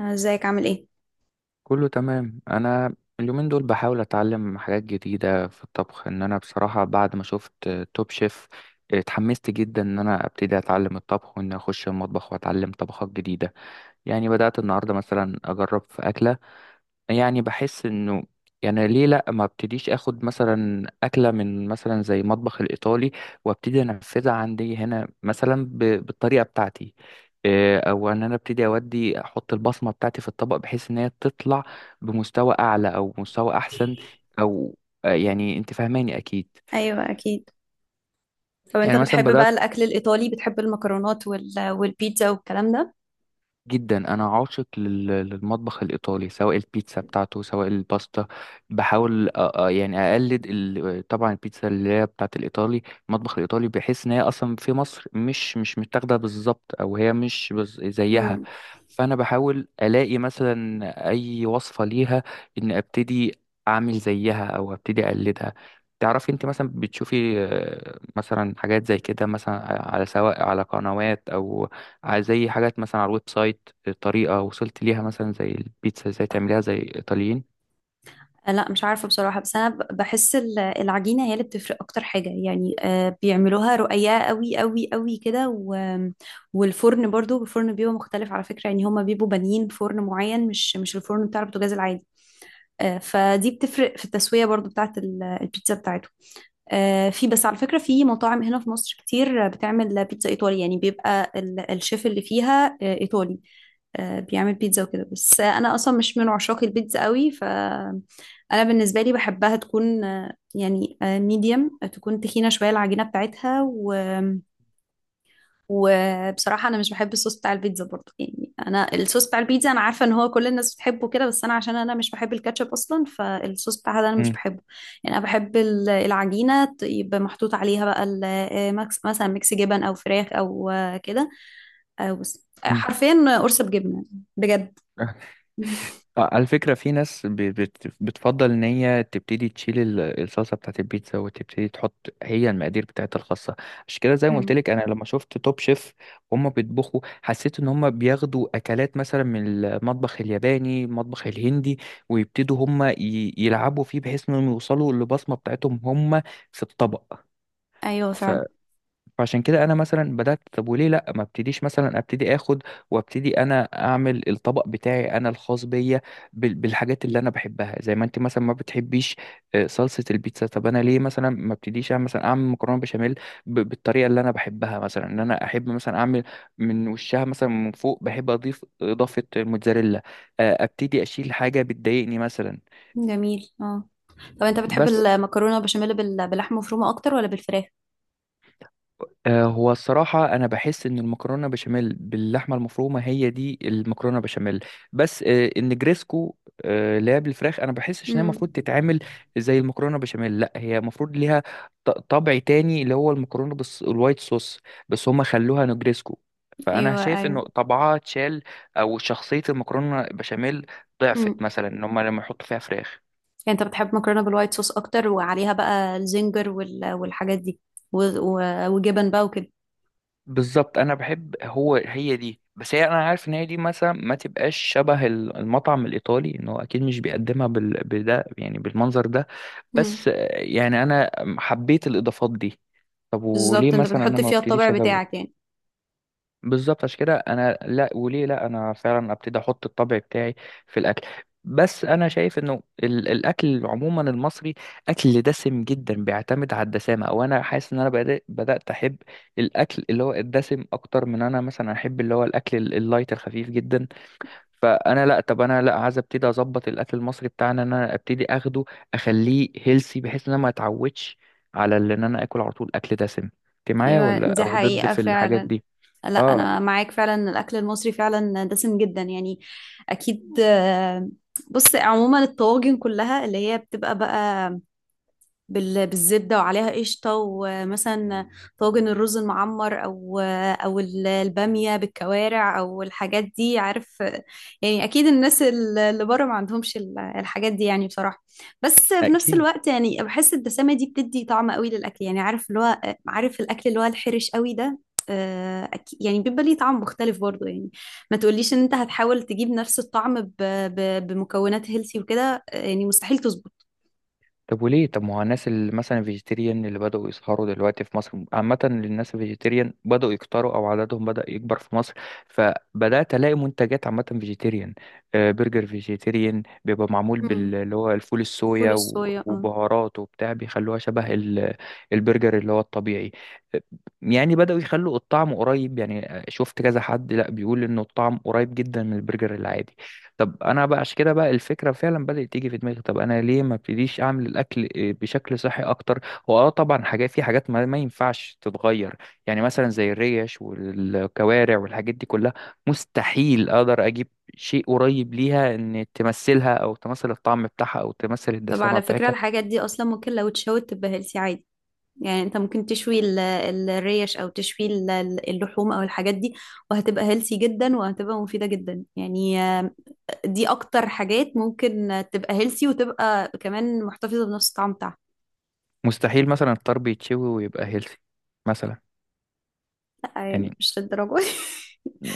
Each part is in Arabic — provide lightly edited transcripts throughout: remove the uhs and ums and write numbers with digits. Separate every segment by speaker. Speaker 1: ازيك عامل ايه؟
Speaker 2: كله تمام. انا اليومين دول بحاول اتعلم حاجات جديده في الطبخ، ان انا بصراحه بعد ما شفت توب شيف اتحمست جدا ان انا ابتدي اتعلم الطبخ، وان اخش المطبخ واتعلم طبخات جديده. يعني بدات النهارده مثلا اجرب في اكله، يعني بحس انه يعني ليه لا ما ابتديش اخد مثلا اكله من مثلا زي مطبخ الايطالي وابتدي انفذها عندي هنا مثلا بالطريقه بتاعتي. إيه، او ان انا ابتدي اودي احط البصمه بتاعتي في الطبق بحيث ان هي تطلع بمستوى اعلى او مستوى احسن، او يعني انت فاهماني اكيد.
Speaker 1: ايوه اكيد. طب انت
Speaker 2: يعني مثلا
Speaker 1: بتحب بقى
Speaker 2: بدات،
Speaker 1: الاكل الايطالي؟ بتحب المكرونات والبيتزا والكلام ده؟
Speaker 2: جدا انا عاشق للمطبخ الايطالي، سواء البيتزا بتاعته سواء الباستا. بحاول يعني اقلد طبعا البيتزا اللي هي بتاعت الايطالي، المطبخ الايطالي، بحيث ان هي اصلا في مصر مش متاخده بالظبط، او هي مش زيها.
Speaker 1: امم.
Speaker 2: فانا بحاول الاقي مثلا اي وصفه ليها، ان ابتدي اعمل زيها او ابتدي اقلدها. تعرفي انت مثلا بتشوفي مثلا حاجات زي كده مثلا، على سواء على قنوات او زي حاجات مثلا على الويب سايت، طريقة وصلت ليها مثلا زي البيتزا ازاي تعمليها زي الإيطاليين.
Speaker 1: لا مش عارفه بصراحه. بس انا بحس العجينه هي اللي بتفرق اكتر حاجه. يعني بيعملوها رقيقه قوي قوي قوي كده والفرن برضو، الفرن بيبقى مختلف على فكره. يعني هما بيبقوا بانيين فرن معين، مش الفرن بتاع البوتاجاز العادي. فدي بتفرق في التسويه برضو بتاعت البيتزا بتاعتهم. في بس على فكرة في مطاعم هنا في مصر كتير بتعمل بيتزا إيطالي. يعني بيبقى الشيف اللي فيها إيطالي، بيعمل بيتزا وكده. بس أنا أصلا مش من عشاق البيتزا قوي. فأنا بالنسبة لي بحبها تكون يعني ميديم، تكون تخينة شوية العجينة بتاعتها. وبصراحة أنا مش بحب الصوص بتاع البيتزا برضه. يعني أنا الصوص بتاع البيتزا، أنا عارفة إن هو كل الناس بتحبه كده، بس أنا عشان أنا مش بحب الكاتشب أصلا، فالصوص بتاعها ده أنا مش
Speaker 2: مم.
Speaker 1: بحبه. يعني أنا بحب العجينة يبقى محطوط عليها بقى مكس، مثلا ميكس جبن أو فراخ أو كده. أو بس
Speaker 2: مم.
Speaker 1: حرفيا قرصة بجبنة. بجد.
Speaker 2: آه. على فكرة في ناس بتفضل إن هي تبتدي تشيل الصلصة بتاعت البيتزا، وتبتدي تحط هي المقادير بتاعتها الخاصة. عشان كده زي ما قلت
Speaker 1: مم.
Speaker 2: لك، أنا لما شفت توب شيف هما بيطبخوا حسيت إن هما بياخدوا أكلات مثلا من المطبخ الياباني، المطبخ الهندي، ويبتدوا هما يلعبوا فيه بحيث إنهم يوصلوا للبصمة بتاعتهم هما في الطبق.
Speaker 1: أيوه فعلا.
Speaker 2: فعشان كده انا مثلا بدات، طب وليه لا ما ابتديش مثلا ابتدي اخد وابتدي انا اعمل الطبق بتاعي انا الخاص بيا بالحاجات اللي انا بحبها، زي ما انت مثلا ما بتحبيش صلصه البيتزا. طب انا ليه مثلا ما ابتديش اعمل مثلا اعمل مكرونه بشاميل بالطريقه اللي انا بحبها، مثلا ان انا احب مثلا اعمل من وشها مثلا من فوق بحب اضيف اضافه الموتزاريلا، ابتدي اشيل حاجه بتضايقني مثلا.
Speaker 1: جميل، اه. طب أنت بتحب
Speaker 2: بس
Speaker 1: المكرونة بشاميل باللحمة مفرومة أكتر ولا بالفراخ؟
Speaker 2: هو الصراحة أنا بحس إن المكرونة بشاميل باللحمة المفرومة هي دي المكرونة بشاميل، بس النجريسكو اللي هي بالفراخ أنا بحسش إن هي
Speaker 1: مم.
Speaker 2: المفروض تتعمل زي المكرونة بشاميل. لأ، هي المفروض ليها طبع تاني اللي هو المكرونة بس الوايت صوص، بس هما خلوها نجريسكو. فأنا
Speaker 1: أيوه
Speaker 2: شايف
Speaker 1: أيوه.
Speaker 2: إنه طبعها اتشال، أو شخصية المكرونة بشاميل ضعفت
Speaker 1: مم.
Speaker 2: مثلا إن هما لما يحطوا فيها فراخ.
Speaker 1: يعني انت بتحب مكرونه بالوايت صوص اكتر، وعليها بقى الزنجر والحاجات دي وجبن بقى وكده.
Speaker 2: بالظبط، انا بحب هو هي دي، بس هي انا عارف ان هي دي مثلا ما تبقاش شبه المطعم الايطالي، ان هو اكيد مش بيقدمها بده يعني بالمنظر ده.
Speaker 1: امم.
Speaker 2: بس يعني انا حبيت الاضافات دي، طب وليه
Speaker 1: بالظبط، انت
Speaker 2: مثلا انا
Speaker 1: بتحط
Speaker 2: ما
Speaker 1: فيها الطابع
Speaker 2: ابتديش ازود.
Speaker 1: بتاعك يعني.
Speaker 2: بالظبط، عشان كده انا لا، وليه لا انا فعلا ابتدي احط الطبع بتاعي في الاكل. بس انا شايف انه الاكل عموما المصري اكل دسم جدا، بيعتمد على الدسامه، او انا حاسس ان انا بدات احب الاكل اللي هو الدسم اكتر من انا مثلا احب اللي هو الاكل اللايت الخفيف جدا. فانا لا، طب انا لا عايز ابتدي اظبط الاكل المصري بتاعنا ان انا ابتدي اخده، اخليه هيلسي، بحيث ان انا ما اتعودش على ان انا اكل على طول اكل دسم. انت معايا
Speaker 1: ايوه،
Speaker 2: ولا
Speaker 1: دي
Speaker 2: او ضد
Speaker 1: حقيقه
Speaker 2: في الحاجات
Speaker 1: فعلا.
Speaker 2: دي؟
Speaker 1: لا
Speaker 2: اه،
Speaker 1: انا معاك فعلا إن الاكل المصري فعلا دسم جدا يعني. اكيد. بص عموما الطواجن كلها اللي هي بتبقى بقى بالزبدة وعليها قشطة، ومثلا طاجن الرز المعمر أو أو البامية بالكوارع أو الحاجات دي، عارف. يعني أكيد الناس اللي بره ما عندهمش الحاجات دي يعني بصراحة. بس في نفس
Speaker 2: أكيد.
Speaker 1: الوقت يعني بحس الدسامة دي بتدي طعم قوي للأكل، يعني عارف اللي هو، عارف الأكل اللي هو الحرش قوي ده، يعني بيبقى ليه طعم مختلف برضو يعني. ما تقوليش ان انت هتحاول تجيب نفس الطعم بمكونات هيلثي وكده. يعني مستحيل تظبط.
Speaker 2: طب وليه؟ طب ما هو الناس اللي مثلا فيجيتيريان اللي بدأوا يظهروا دلوقتي في مصر، عامة الناس الفيجيتيريان بدأوا يكتروا أو عددهم بدأ يكبر في مصر، فبدأت ألاقي منتجات عامة فيجيتيريان، برجر فيجيتيريان بيبقى معمول
Speaker 1: مم.
Speaker 2: اللي هو الفول
Speaker 1: فول
Speaker 2: الصويا
Speaker 1: الصويا، اه.
Speaker 2: وبهارات وبتاع، بيخلوها شبه البرجر اللي هو الطبيعي. آه، يعني بدأوا يخلوا الطعم قريب، يعني شفت كذا حد لأ بيقول إنه الطعم قريب جدا من البرجر العادي. طب انا بقى عشان كده بقى الفكره فعلا بدات تيجي في دماغي، طب انا ليه ما ابتديش اعمل الاكل إيه، بشكل صحي اكتر. هو اه طبعا حاجات، في حاجات ما ينفعش تتغير، يعني مثلا زي الريش والكوارع والحاجات دي كلها، مستحيل اقدر اجيب شيء قريب ليها ان تمثلها او تمثل الطعم بتاعها او تمثل
Speaker 1: طب
Speaker 2: الدسامه
Speaker 1: على فكرة
Speaker 2: بتاعتها.
Speaker 1: الحاجات دي أصلا ممكن لو اتشوت تبقى هيلثي عادي. يعني أنت ممكن تشوي الريش أو تشوي اللحوم أو الحاجات دي، وهتبقى هيلثي جدا وهتبقى مفيدة جدا. يعني دي أكتر حاجات ممكن تبقى هيلثي وتبقى كمان محتفظة بنفس الطعم بتاعها.
Speaker 2: مستحيل مثلا الطرب يتشوي ويبقى هيلثي مثلا، يعني
Speaker 1: مش للدرجة دي.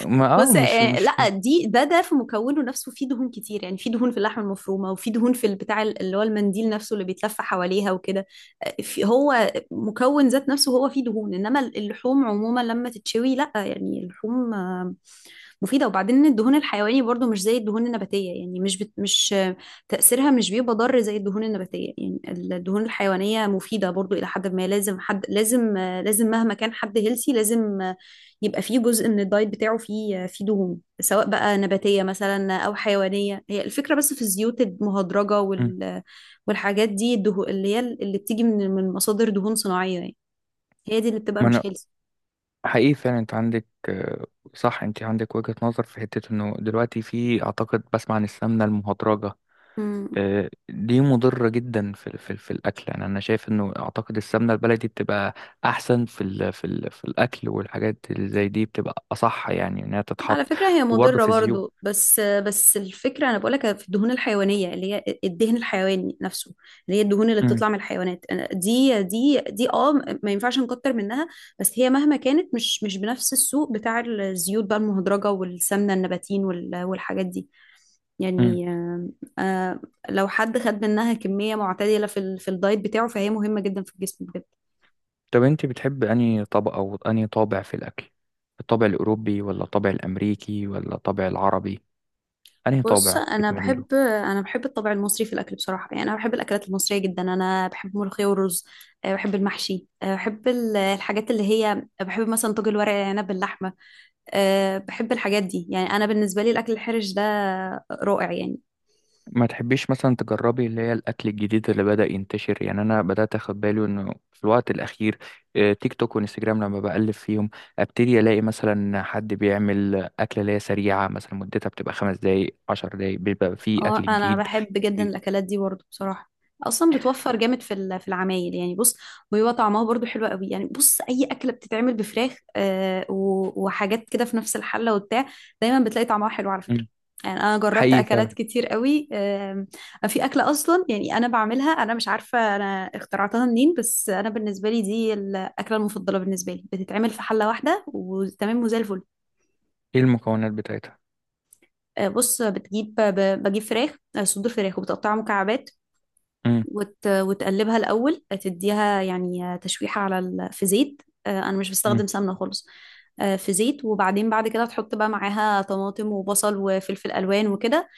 Speaker 2: ما
Speaker 1: بص
Speaker 2: مش مش
Speaker 1: لا دي ده في مكونه نفسه فيه دهون كتير. يعني فيه دهون في اللحمه المفرومه، وفيه دهون في البتاع اللي هو المنديل نفسه اللي بيتلف حواليها وكده. هو مكون ذات نفسه هو فيه دهون، انما اللحوم عموما لما تتشوي لا. يعني اللحوم مفيدة. وبعدين إن الدهون الحيواني برضو مش زي الدهون النباتية. يعني مش بت... مش تأثيرها مش بيبقى ضار زي الدهون النباتية يعني. الدهون الحيوانية مفيدة برضو إلى حد ما. لازم حد، لازم لازم مهما كان حد هيلسي، لازم يبقى فيه جزء من الدايت بتاعه فيه دهون، سواء بقى نباتية مثلا أو حيوانية. هي الفكرة بس في الزيوت المهدرجة والحاجات دي. الدهون اللي هي اللي بتيجي من مصادر دهون صناعية، يعني هي دي اللي بتبقى
Speaker 2: مم.
Speaker 1: مش
Speaker 2: حقيقي فعلا انت عندك صح، انت عندك وجهة نظر. في حتة انه دلوقتي، في اعتقد بسمع عن السمنة المهدرجة،
Speaker 1: هيلسي.
Speaker 2: دي مضرة جدا في الاكل. يعني انا شايف انه اعتقد السمنة البلدي بتبقى احسن في الاكل، والحاجات اللي زي دي بتبقى اصح يعني انها
Speaker 1: على
Speaker 2: تتحط.
Speaker 1: فكرة هي
Speaker 2: وبرضه
Speaker 1: مضرة
Speaker 2: في الزيوت.
Speaker 1: برضو، بس الفكرة أنا بقولك في الدهون الحيوانية اللي هي الدهن الحيواني نفسه، اللي هي الدهون اللي
Speaker 2: امم.
Speaker 1: بتطلع من الحيوانات. دي اه، ما ينفعش نكتر منها. بس هي مهما كانت مش بنفس السوق بتاع الزيوت بقى المهدرجة والسمنة النباتين والحاجات دي
Speaker 2: امم.
Speaker 1: يعني. آه، لو حد خد منها كمية معتدلة في في الدايت بتاعه، فهي مهمة جدا في الجسم.
Speaker 2: طب انت بتحب انهي طبق او انهي طابع في الاكل، الطابع الاوروبي ولا الطابع الامريكي ولا الطابع العربي؟ انهي
Speaker 1: بص
Speaker 2: طابع
Speaker 1: انا
Speaker 2: بتميلي
Speaker 1: بحب،
Speaker 2: له؟
Speaker 1: الطابع المصري في الاكل بصراحه. يعني انا بحب الاكلات المصريه جدا. انا بحب الملوخيه والرز، أه، بحب المحشي، أه، بحب الحاجات اللي هي، بحب مثلا طاجن الورق العنب باللحمه، أه، بحب الحاجات دي. يعني انا بالنسبه لي الاكل الحرش ده رائع يعني.
Speaker 2: ما تحبيش مثلا تجربي اللي هي الاكل الجديد اللي بدأ ينتشر؟ يعني انا بدأت اخد بالي انه في الوقت الاخير تيك توك وانستجرام لما بقلب فيهم ابتدي الاقي مثلا حد بيعمل اكله اللي هي سريعه، مثلا مدتها بتبقى خمس دقايق عشر دقايق، بيبقى فيه اكل
Speaker 1: اه انا
Speaker 2: جديد.
Speaker 1: بحب جدا الاكلات دي برضو بصراحه. اصلا بتوفر جامد في في العمايل يعني. بص، وبيبقى طعمها برضو حلو قوي. يعني بص اي اكله بتتعمل بفراخ وحاجات كده في نفس الحله وبتاع، دايما بتلاقي طعمها حلو على فكره.
Speaker 2: مم.
Speaker 1: يعني انا جربت
Speaker 2: حقيقي فعلا.
Speaker 1: اكلات كتير قوي. آه، في اكله اصلا، يعني انا بعملها، انا مش عارفه انا اخترعتها منين، بس انا بالنسبه لي دي الاكله المفضله بالنسبه لي. بتتعمل في حله واحده وتمام وزي الفل.
Speaker 2: ايه المكونات بتاعتها؟
Speaker 1: بص بتجيب، بجيب فراخ، صدور فراخ، وبتقطعها مكعبات.
Speaker 2: مم.
Speaker 1: وتقلبها الأول، تديها يعني تشويحة على في زيت. أنا مش
Speaker 2: مم.
Speaker 1: بستخدم سمنة خالص، في زيت. وبعدين بعد كده تحط بقى معاها طماطم وبصل وفلفل ألوان وكده.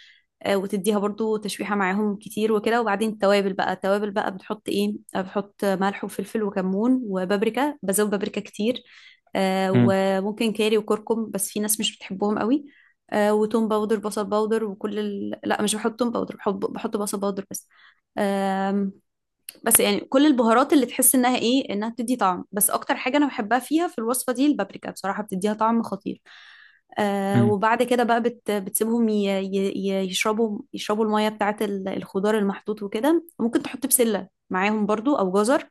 Speaker 1: وتديها برضو تشويحة معاهم كتير وكده. وبعدين التوابل بقى، بتحط إيه، بتحط ملح وفلفل وكمون وبابريكا، بزود بابريكا كتير.
Speaker 2: مم.
Speaker 1: وممكن كاري وكركم، بس في ناس مش بتحبهم قوي. وتوم باودر، بصل باودر، وكل لا مش بحط توم باودر، بحط بصل باودر بس. بس يعني كل البهارات اللي تحس انها ايه، انها بتدي طعم، بس اكتر حاجه انا بحبها فيها في الوصفه دي البابريكا بصراحه، بتديها طعم خطير. آه،
Speaker 2: مم.
Speaker 1: وبعد كده بقى بتسيبهم يشربوا الميه بتاعه الخضار المحطوط وكده. ممكن تحط بسله معاهم برضو او جزر.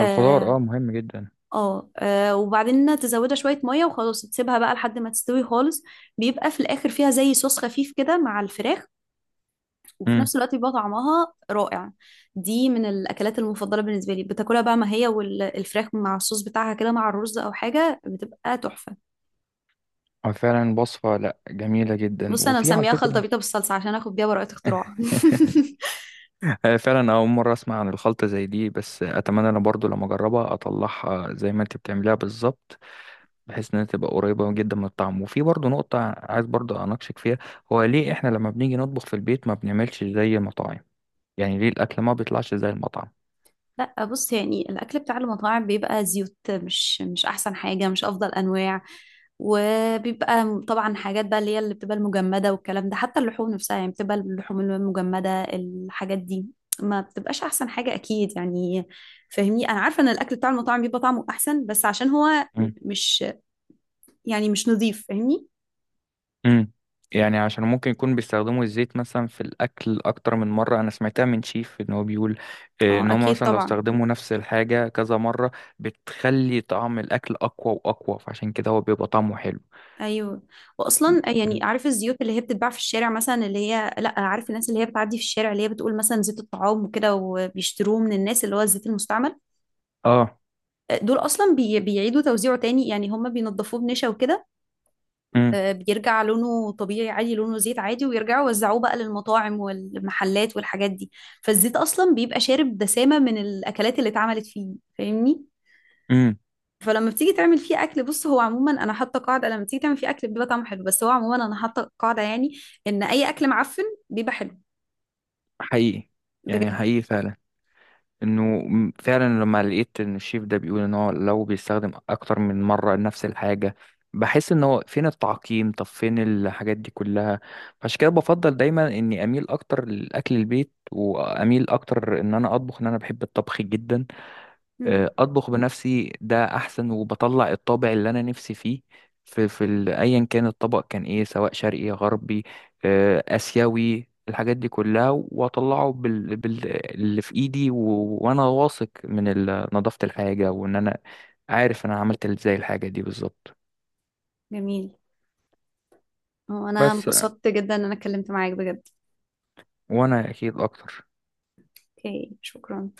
Speaker 2: الخضار، اه، مهم جدا.
Speaker 1: اه. وبعدين تزودها شويه ميه وخلاص، تسيبها بقى لحد ما تستوي خالص. بيبقى في الاخر فيها زي صوص خفيف كده مع الفراخ، وفي
Speaker 2: مم.
Speaker 1: نفس الوقت بيبقى طعمها رائع. دي من الأكلات المفضلة بالنسبة لي. بتاكلها بقى ما هي والفراخ مع الصوص بتاعها كده مع الرز أو حاجة، بتبقى تحفة.
Speaker 2: فعلا وصفه لا جميله جدا،
Speaker 1: بص أنا
Speaker 2: وفي على
Speaker 1: مسميها خلطة
Speaker 2: فكره.
Speaker 1: بيضة بالصلصة عشان آخد بيها براءة اختراع.
Speaker 2: فعلا أول مرة أسمع عن الخلطة زي دي، بس أتمنى أنا برضو لما أجربها أطلعها زي ما أنت بتعمليها بالظبط، بحيث إنها تبقى قريبة جدا من الطعم. وفي برضو نقطة عايز برضو أناقشك فيها، هو ليه إحنا لما بنيجي نطبخ في البيت ما بنعملش زي المطاعم؟ يعني ليه الأكل ما بيطلعش زي المطعم؟
Speaker 1: لا بص يعني الاكل بتاع المطاعم بيبقى زيوت، مش احسن حاجه، مش افضل انواع. وبيبقى طبعا حاجات بقى اللي هي اللي بتبقى المجمده والكلام ده. حتى اللحوم نفسها يعني بتبقى اللحوم المجمده، الحاجات دي ما بتبقاش احسن حاجه اكيد يعني. فاهمني، انا عارفه ان الاكل بتاع المطاعم بيبقى طعمه احسن، بس عشان هو
Speaker 2: مم.
Speaker 1: مش، يعني مش نظيف، فاهمني.
Speaker 2: مم. يعني عشان ممكن يكون بيستخدموا الزيت مثلا في الأكل أكتر من مرة. أنا سمعتها من شيف إن هو بيقول،
Speaker 1: اه
Speaker 2: إن هما
Speaker 1: اكيد
Speaker 2: مثلا لو
Speaker 1: طبعا.
Speaker 2: استخدموا نفس الحاجة كذا مرة بتخلي طعم الأكل أقوى وأقوى، فعشان كده هو بيبقى طعمه حلو.
Speaker 1: ايوه. واصلا يعني عارف الزيوت اللي هي بتتباع في الشارع مثلا، اللي هي لا عارف الناس اللي هي بتعدي في الشارع اللي هي بتقول مثلا زيت الطعام وكده، وبيشتروه من الناس اللي هو الزيت المستعمل.
Speaker 2: اه.
Speaker 1: دول اصلا بيعيدوا توزيعه تاني يعني. هم بينضفوه بنشا وكده.
Speaker 2: امم.
Speaker 1: بيرجع لونه طبيعي عادي، لونه زيت عادي، ويرجعوا يوزعوه بقى للمطاعم والمحلات والحاجات دي. فالزيت اصلا بيبقى شارب دسامة من الاكلات اللي اتعملت فيه، فاهمني.
Speaker 2: امم.
Speaker 1: فلما بتيجي تعمل فيه اكل، بص هو عموما انا حاطه قاعده، لما بتيجي تعمل فيه اكل بيبقى طعمه حلو، بس هو عموما انا حاطه قاعده، يعني ان اي اكل معفن بيبقى حلو.
Speaker 2: حقيقي، يعني
Speaker 1: بجد.
Speaker 2: حقيقي فعلا انه فعلا لما لقيت ان الشيف ده بيقول ان هو لو بيستخدم اكتر من مره نفس الحاجه، بحس ان هو فين التعقيم، طب فين الحاجات دي كلها. عشان كده بفضل دايما اني اميل اكتر لاكل البيت، واميل اكتر ان انا اطبخ، ان انا بحب الطبخ جدا،
Speaker 1: مم.
Speaker 2: اطبخ بنفسي ده احسن وبطلع الطابع اللي انا نفسي فيه في ايا كان الطبق، كان ايه، سواء شرقي غربي اسيوي، الحاجات دي كلها، واطلعه اللي في ايدي وانا واثق من نظافة الحاجة، وان انا عارف انا عملت ازاي الحاجة دي بالظبط.
Speaker 1: جميل. هو انا
Speaker 2: بس
Speaker 1: انبسطت جدا ان انا اتكلمت معاك بجد.
Speaker 2: وانا اكيد اكتر
Speaker 1: اوكي، شكرا.